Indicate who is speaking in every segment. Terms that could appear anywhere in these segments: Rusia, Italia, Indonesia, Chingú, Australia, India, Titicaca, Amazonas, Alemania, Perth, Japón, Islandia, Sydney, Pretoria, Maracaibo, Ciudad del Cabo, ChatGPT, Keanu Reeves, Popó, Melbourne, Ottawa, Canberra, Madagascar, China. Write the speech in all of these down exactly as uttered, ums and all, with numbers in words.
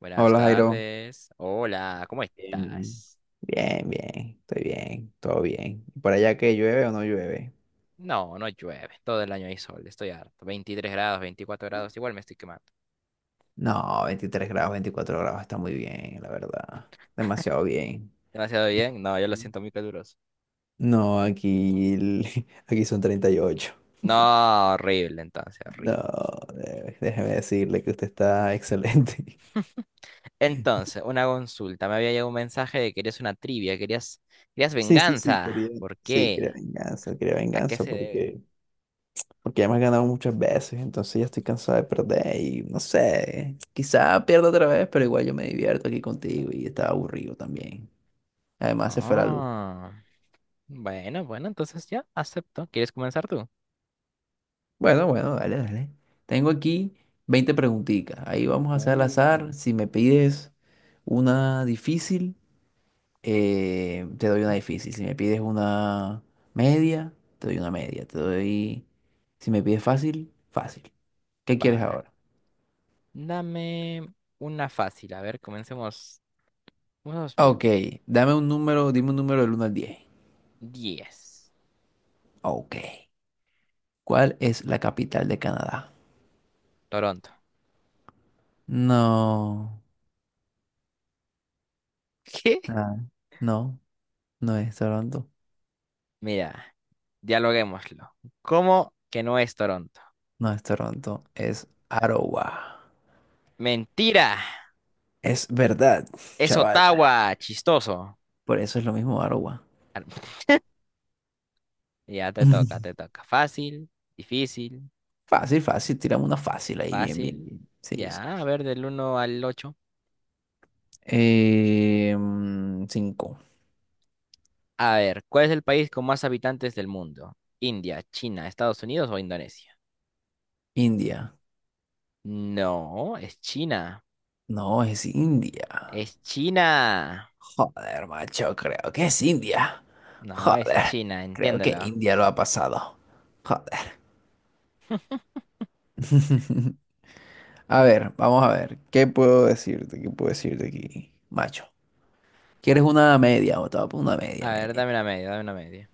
Speaker 1: Buenas
Speaker 2: Hola, Jairo.
Speaker 1: tardes. Hola, ¿cómo
Speaker 2: Bien,
Speaker 1: estás?
Speaker 2: bien, bien, bien, estoy bien, todo bien. ¿Y por allá que llueve o no llueve?
Speaker 1: No, no llueve. Todo el año hay sol. Estoy harto. Veintitrés grados, veinticuatro grados. Igual me estoy quemando.
Speaker 2: No, veintitrés grados, veinticuatro grados, está muy bien, la verdad. Demasiado bien.
Speaker 1: Demasiado bien. No, yo lo siento muy caluroso.
Speaker 2: No, aquí, el- aquí son treinta y ocho.
Speaker 1: No, horrible, entonces,
Speaker 2: No,
Speaker 1: horrible.
Speaker 2: eh, déjeme decirle que usted está excelente.
Speaker 1: Entonces, una consulta. Me había llegado un mensaje de que querías una trivia, querías, querías
Speaker 2: Sí, sí, sí, quería,
Speaker 1: venganza. ¿Por
Speaker 2: sí, quería
Speaker 1: qué?
Speaker 2: venganza, quería
Speaker 1: ¿A qué
Speaker 2: venganza
Speaker 1: se debe?
Speaker 2: porque ya me has ganado muchas veces, entonces ya estoy cansado de perder y no sé, quizá pierda otra vez, pero igual yo me divierto aquí contigo y estaba aburrido también. Además se fue la luz.
Speaker 1: Ah, bueno, bueno, entonces ya acepto. ¿Quieres comenzar tú?
Speaker 2: Bueno, bueno, dale, dale. Tengo aquí veinte preguntitas. Ahí vamos a hacer al
Speaker 1: Uh.
Speaker 2: azar. Si me pides una difícil, eh, te doy una difícil. Si me pides una media, te doy una media. Te doy... Si me pides fácil, fácil. ¿Qué quieres
Speaker 1: Vale.
Speaker 2: ahora?
Speaker 1: Dame una fácil. A ver, comencemos. Vamos
Speaker 2: Ok,
Speaker 1: bien.
Speaker 2: dame un número, dime un número del uno al diez.
Speaker 1: Diez.
Speaker 2: Ok. ¿Cuál es la capital de Canadá?
Speaker 1: Toronto.
Speaker 2: No,
Speaker 1: ¿Qué?
Speaker 2: ah, no, no es Toronto,
Speaker 1: Mira, dialoguémoslo. ¿Cómo que no es Toronto?
Speaker 2: no es Toronto, es Ottawa.
Speaker 1: Mentira.
Speaker 2: Es verdad,
Speaker 1: Es
Speaker 2: chaval.
Speaker 1: Ottawa. Chistoso.
Speaker 2: Por eso es lo mismo Ottawa.
Speaker 1: Ar- Ya te toca, te toca. Fácil, difícil,
Speaker 2: Fácil, fácil, tiramos una fácil ahí, bien, bien,
Speaker 1: fácil.
Speaker 2: bien. Sí, sí.
Speaker 1: Ya, a ver, del uno al ocho.
Speaker 2: Eh, mm, cinco.
Speaker 1: A ver, ¿cuál es el país con más habitantes del mundo? ¿India, China, Estados Unidos o Indonesia?
Speaker 2: India.
Speaker 1: No, es China.
Speaker 2: No, es India.
Speaker 1: Es China.
Speaker 2: Joder, macho, creo que es India.
Speaker 1: No, es
Speaker 2: Joder,
Speaker 1: China,
Speaker 2: creo que
Speaker 1: entiéndelo.
Speaker 2: India lo ha pasado. Joder. A ver, vamos a ver. ¿Qué puedo decirte? ¿Qué puedo decirte aquí, macho? ¿Quieres una media? O te voy a poner una media,
Speaker 1: A ver,
Speaker 2: media.
Speaker 1: dame una media, dame una media.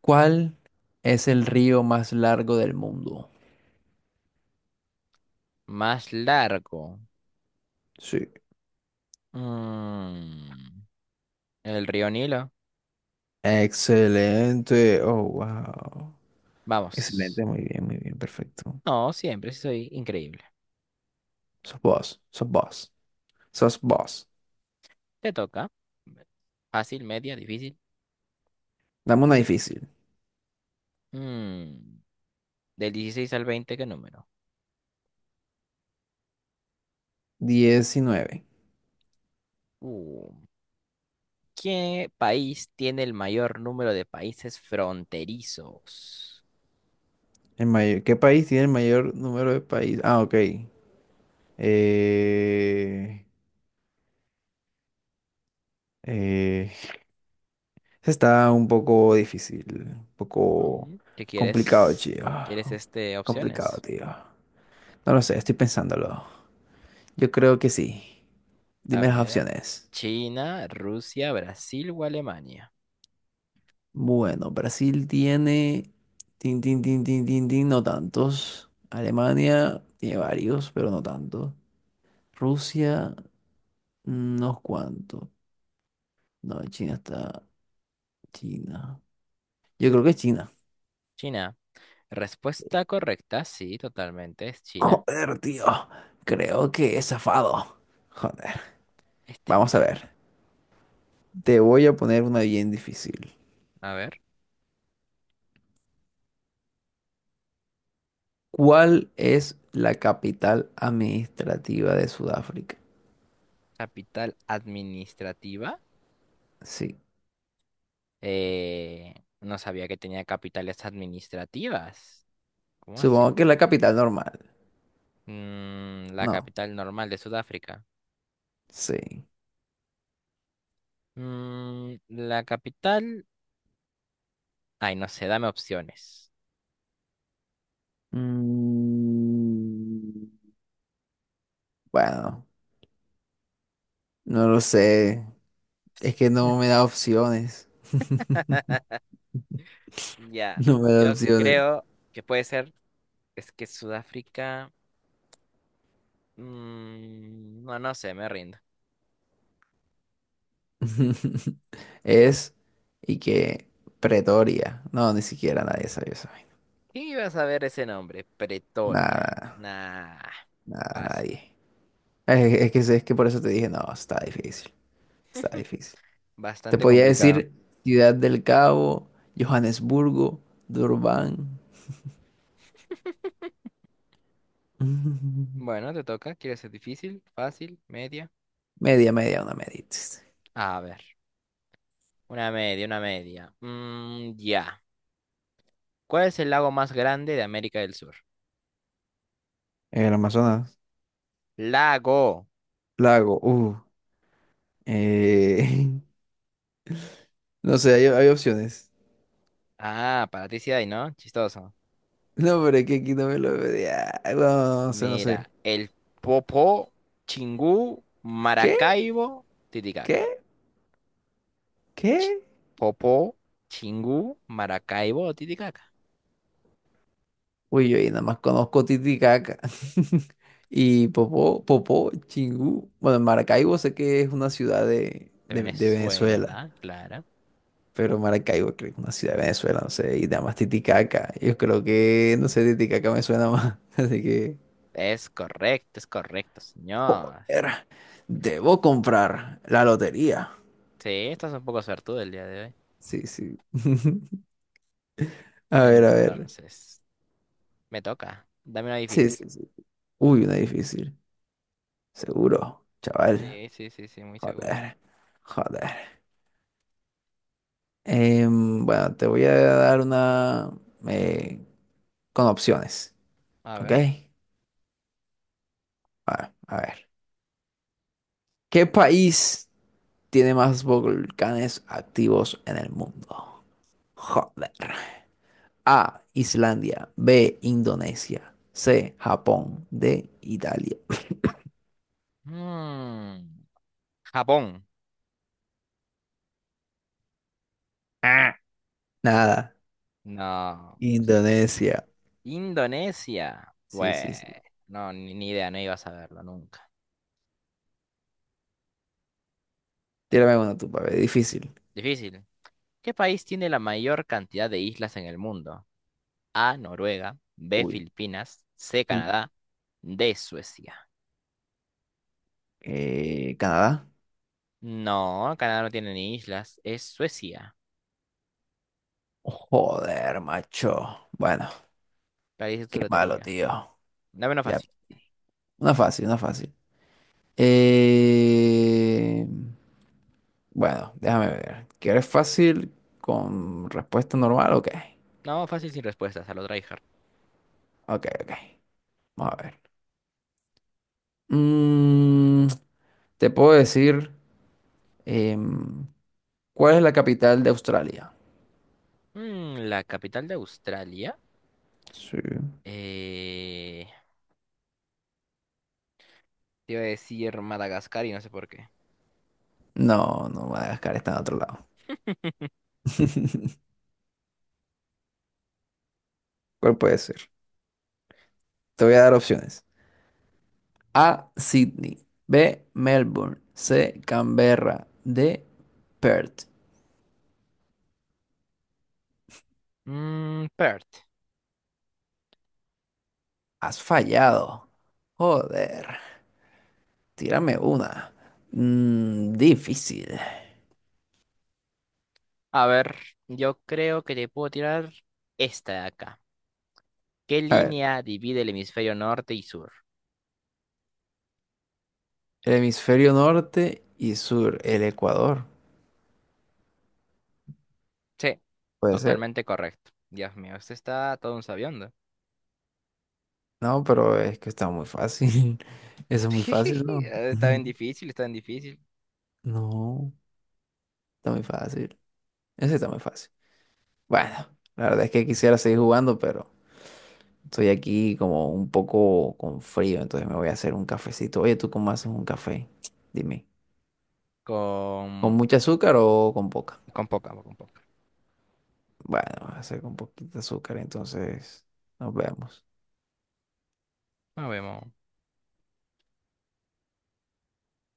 Speaker 2: ¿Cuál es el río más largo del mundo?
Speaker 1: Más largo.
Speaker 2: Sí.
Speaker 1: Mm, el río Nilo.
Speaker 2: Excelente. Oh, wow.
Speaker 1: Vamos.
Speaker 2: Excelente, muy bien, muy bien, perfecto.
Speaker 1: No, siempre sí soy increíble.
Speaker 2: Sos vos, sos vos, sos vos.
Speaker 1: Te toca. Fácil, media, difícil.
Speaker 2: Dame una difícil.
Speaker 1: Mm, del dieciséis al veinte, ¿qué número?
Speaker 2: Diecinueve.
Speaker 1: Uh, ¿qué país tiene el mayor número de países fronterizos?
Speaker 2: El mayor, ¿qué país tiene el mayor número de países? Ah, ok. Eh, eh, está un poco difícil, un poco
Speaker 1: Mm, ¿Qué
Speaker 2: complicado,
Speaker 1: quieres?
Speaker 2: tío.
Speaker 1: ¿Quieres este
Speaker 2: Complicado,
Speaker 1: opciones?
Speaker 2: tío. No lo sé, estoy pensándolo. Yo creo que sí.
Speaker 1: A
Speaker 2: Dime las
Speaker 1: ver.
Speaker 2: opciones.
Speaker 1: China, Rusia, Brasil o Alemania.
Speaker 2: Bueno, Brasil tiene... Tin, tin, tin, tin, tin, tin, no tantos. Alemania tiene varios, pero no tantos. Rusia, unos cuantos. No, China está... China. Yo creo que es China.
Speaker 1: China. Respuesta correcta, sí, totalmente, es China.
Speaker 2: Joder, tío. Creo que he zafado. Joder.
Speaker 1: este
Speaker 2: Vamos a
Speaker 1: muchacho.
Speaker 2: ver. Te voy a poner una bien difícil.
Speaker 1: A ver,
Speaker 2: ¿Cuál es la capital administrativa de Sudáfrica?
Speaker 1: capital administrativa.
Speaker 2: Sí.
Speaker 1: Eh, no sabía que tenía capitales administrativas. ¿Cómo así?
Speaker 2: Supongo que es la capital normal.
Speaker 1: Mm, la
Speaker 2: No.
Speaker 1: capital normal de Sudáfrica.
Speaker 2: Sí.
Speaker 1: Mm, la capital. Ay, no sé, dame opciones.
Speaker 2: Mm, bueno, no lo sé. Es que no me da opciones.
Speaker 1: Ya,
Speaker 2: No me da
Speaker 1: yo
Speaker 2: opciones.
Speaker 1: creo que puede ser. Es que Sudáfrica. mm, no, no sé, me rindo.
Speaker 2: Es y que Pretoria. No, ni siquiera nadie sabe eso.
Speaker 1: ¿Quién iba a saber ese nombre? Pretoria.
Speaker 2: Nada,
Speaker 1: Nah.
Speaker 2: nada,
Speaker 1: Paso.
Speaker 2: nadie. Es, es que es que por eso te dije, no, está difícil. Está difícil. Te
Speaker 1: Bastante
Speaker 2: podía
Speaker 1: complicado.
Speaker 2: decir Ciudad del Cabo, Johannesburgo, Durban.
Speaker 1: Bueno, te toca. ¿Quieres ser difícil, fácil, media?
Speaker 2: Media, media, una medita.
Speaker 1: A ver. Una media, una media. Mm, ya. ¿Cuál es el lago más grande de América del Sur?
Speaker 2: El Amazonas.
Speaker 1: Lago.
Speaker 2: Lago. Uh. Eh, no sé, hay, hay opciones.
Speaker 1: Ah, para ti sí hay, ¿no? Chistoso.
Speaker 2: No, pero es que aquí no me lo pedía. No, no, no sé, no sé.
Speaker 1: Mira, el Popó, Chingú,
Speaker 2: ¿Qué?
Speaker 1: Maracaibo, Titicaca.
Speaker 2: ¿Qué?
Speaker 1: Ch-
Speaker 2: ¿Qué?
Speaker 1: Popó, Chingú, Maracaibo, Titicaca.
Speaker 2: Uy, yo ahí nada más conozco Titicaca. Y Popó, Popó, Chingú. Bueno, Maracaibo sé que es una ciudad de,
Speaker 1: De
Speaker 2: de de Venezuela.
Speaker 1: Venezuela, claro.
Speaker 2: Pero Maracaibo creo que es una ciudad de Venezuela, no sé, y además Titicaca. Yo creo que, no sé, Titicaca me suena más. Así que,
Speaker 1: Es correcto, es correcto, señor.
Speaker 2: joder, debo comprar la lotería.
Speaker 1: Sí, estás un poco suertudo el día de hoy.
Speaker 2: Sí, sí. A ver, a ver.
Speaker 1: Entonces, me toca. Dame una
Speaker 2: Sí,
Speaker 1: difícil.
Speaker 2: sí, sí. Uy, una difícil. Seguro, chaval.
Speaker 1: Sí, sí, sí, sí, muy seguro.
Speaker 2: Joder, joder. Em, bueno, te voy a dar una eh, con opciones,
Speaker 1: A
Speaker 2: ¿ok?
Speaker 1: ver.
Speaker 2: A a ver. ¿Qué país tiene más volcanes activos en el mundo? Joder. A, Islandia. B, Indonesia. C, Japón. D, Italia.
Speaker 1: Mm, Japón.
Speaker 2: Ah, nada.
Speaker 1: No, pues,
Speaker 2: Indonesia.
Speaker 1: Indonesia.
Speaker 2: Sí, sí,
Speaker 1: Bueno,
Speaker 2: sí.
Speaker 1: no, ni, ni idea, no iba a saberlo nunca.
Speaker 2: Tírame una tú, papi. Difícil.
Speaker 1: Difícil. ¿Qué país tiene la mayor cantidad de islas en el mundo? A, Noruega; B,
Speaker 2: Uy,
Speaker 1: Filipinas; C,
Speaker 2: uy.
Speaker 1: Canadá; D, Suecia.
Speaker 2: Eh, Canadá.
Speaker 1: No, Canadá no tiene ni islas, es Suecia.
Speaker 2: Joder, macho. Bueno,
Speaker 1: La dices tu
Speaker 2: qué malo,
Speaker 1: lotería.
Speaker 2: tío.
Speaker 1: Dame una
Speaker 2: Ya.
Speaker 1: fácil.
Speaker 2: Una fácil, una fácil. Eh... Bueno, déjame ver. ¿Quieres fácil con respuesta normal? Ok,
Speaker 1: No, fácil sin respuestas, a lo tryhard.
Speaker 2: ok, ok. Vamos a ver. Mm, te puedo decir, em, ¿cuál es la capital de Australia?
Speaker 1: Mm, la capital de Australia.
Speaker 2: Sí.
Speaker 1: Eh, te iba a decir Madagascar y no sé por qué.
Speaker 2: No, no, Madagascar está en otro lado. ¿Cuál puede ser? Te voy a dar opciones. A, Sydney. B, Melbourne. C, Canberra. D, Perth.
Speaker 1: Mm, Perth.
Speaker 2: Has fallado. Joder. Tírame una. Mm, difícil.
Speaker 1: A ver, yo creo que te puedo tirar esta de acá. ¿Qué
Speaker 2: A ver.
Speaker 1: línea divide el hemisferio norte y sur?
Speaker 2: El hemisferio norte y sur, el Ecuador.
Speaker 1: Sí,
Speaker 2: Puede ser.
Speaker 1: totalmente correcto. Dios mío, este está todo un sabiendo.
Speaker 2: No, pero es que está muy fácil. Eso es muy fácil, ¿no?
Speaker 1: Está bien difícil, está bien difícil.
Speaker 2: No, está muy fácil. Eso está muy fácil. Bueno, la verdad es que quisiera seguir jugando, pero estoy aquí como un poco con frío, entonces me voy a hacer un cafecito. Oye, ¿tú cómo haces un café? Dime. ¿Con
Speaker 1: Con,
Speaker 2: mucha azúcar o con poca?
Speaker 1: con poca, con poca.
Speaker 2: Bueno, voy a hacer con poquita azúcar, entonces nos vemos.
Speaker 1: No vemos.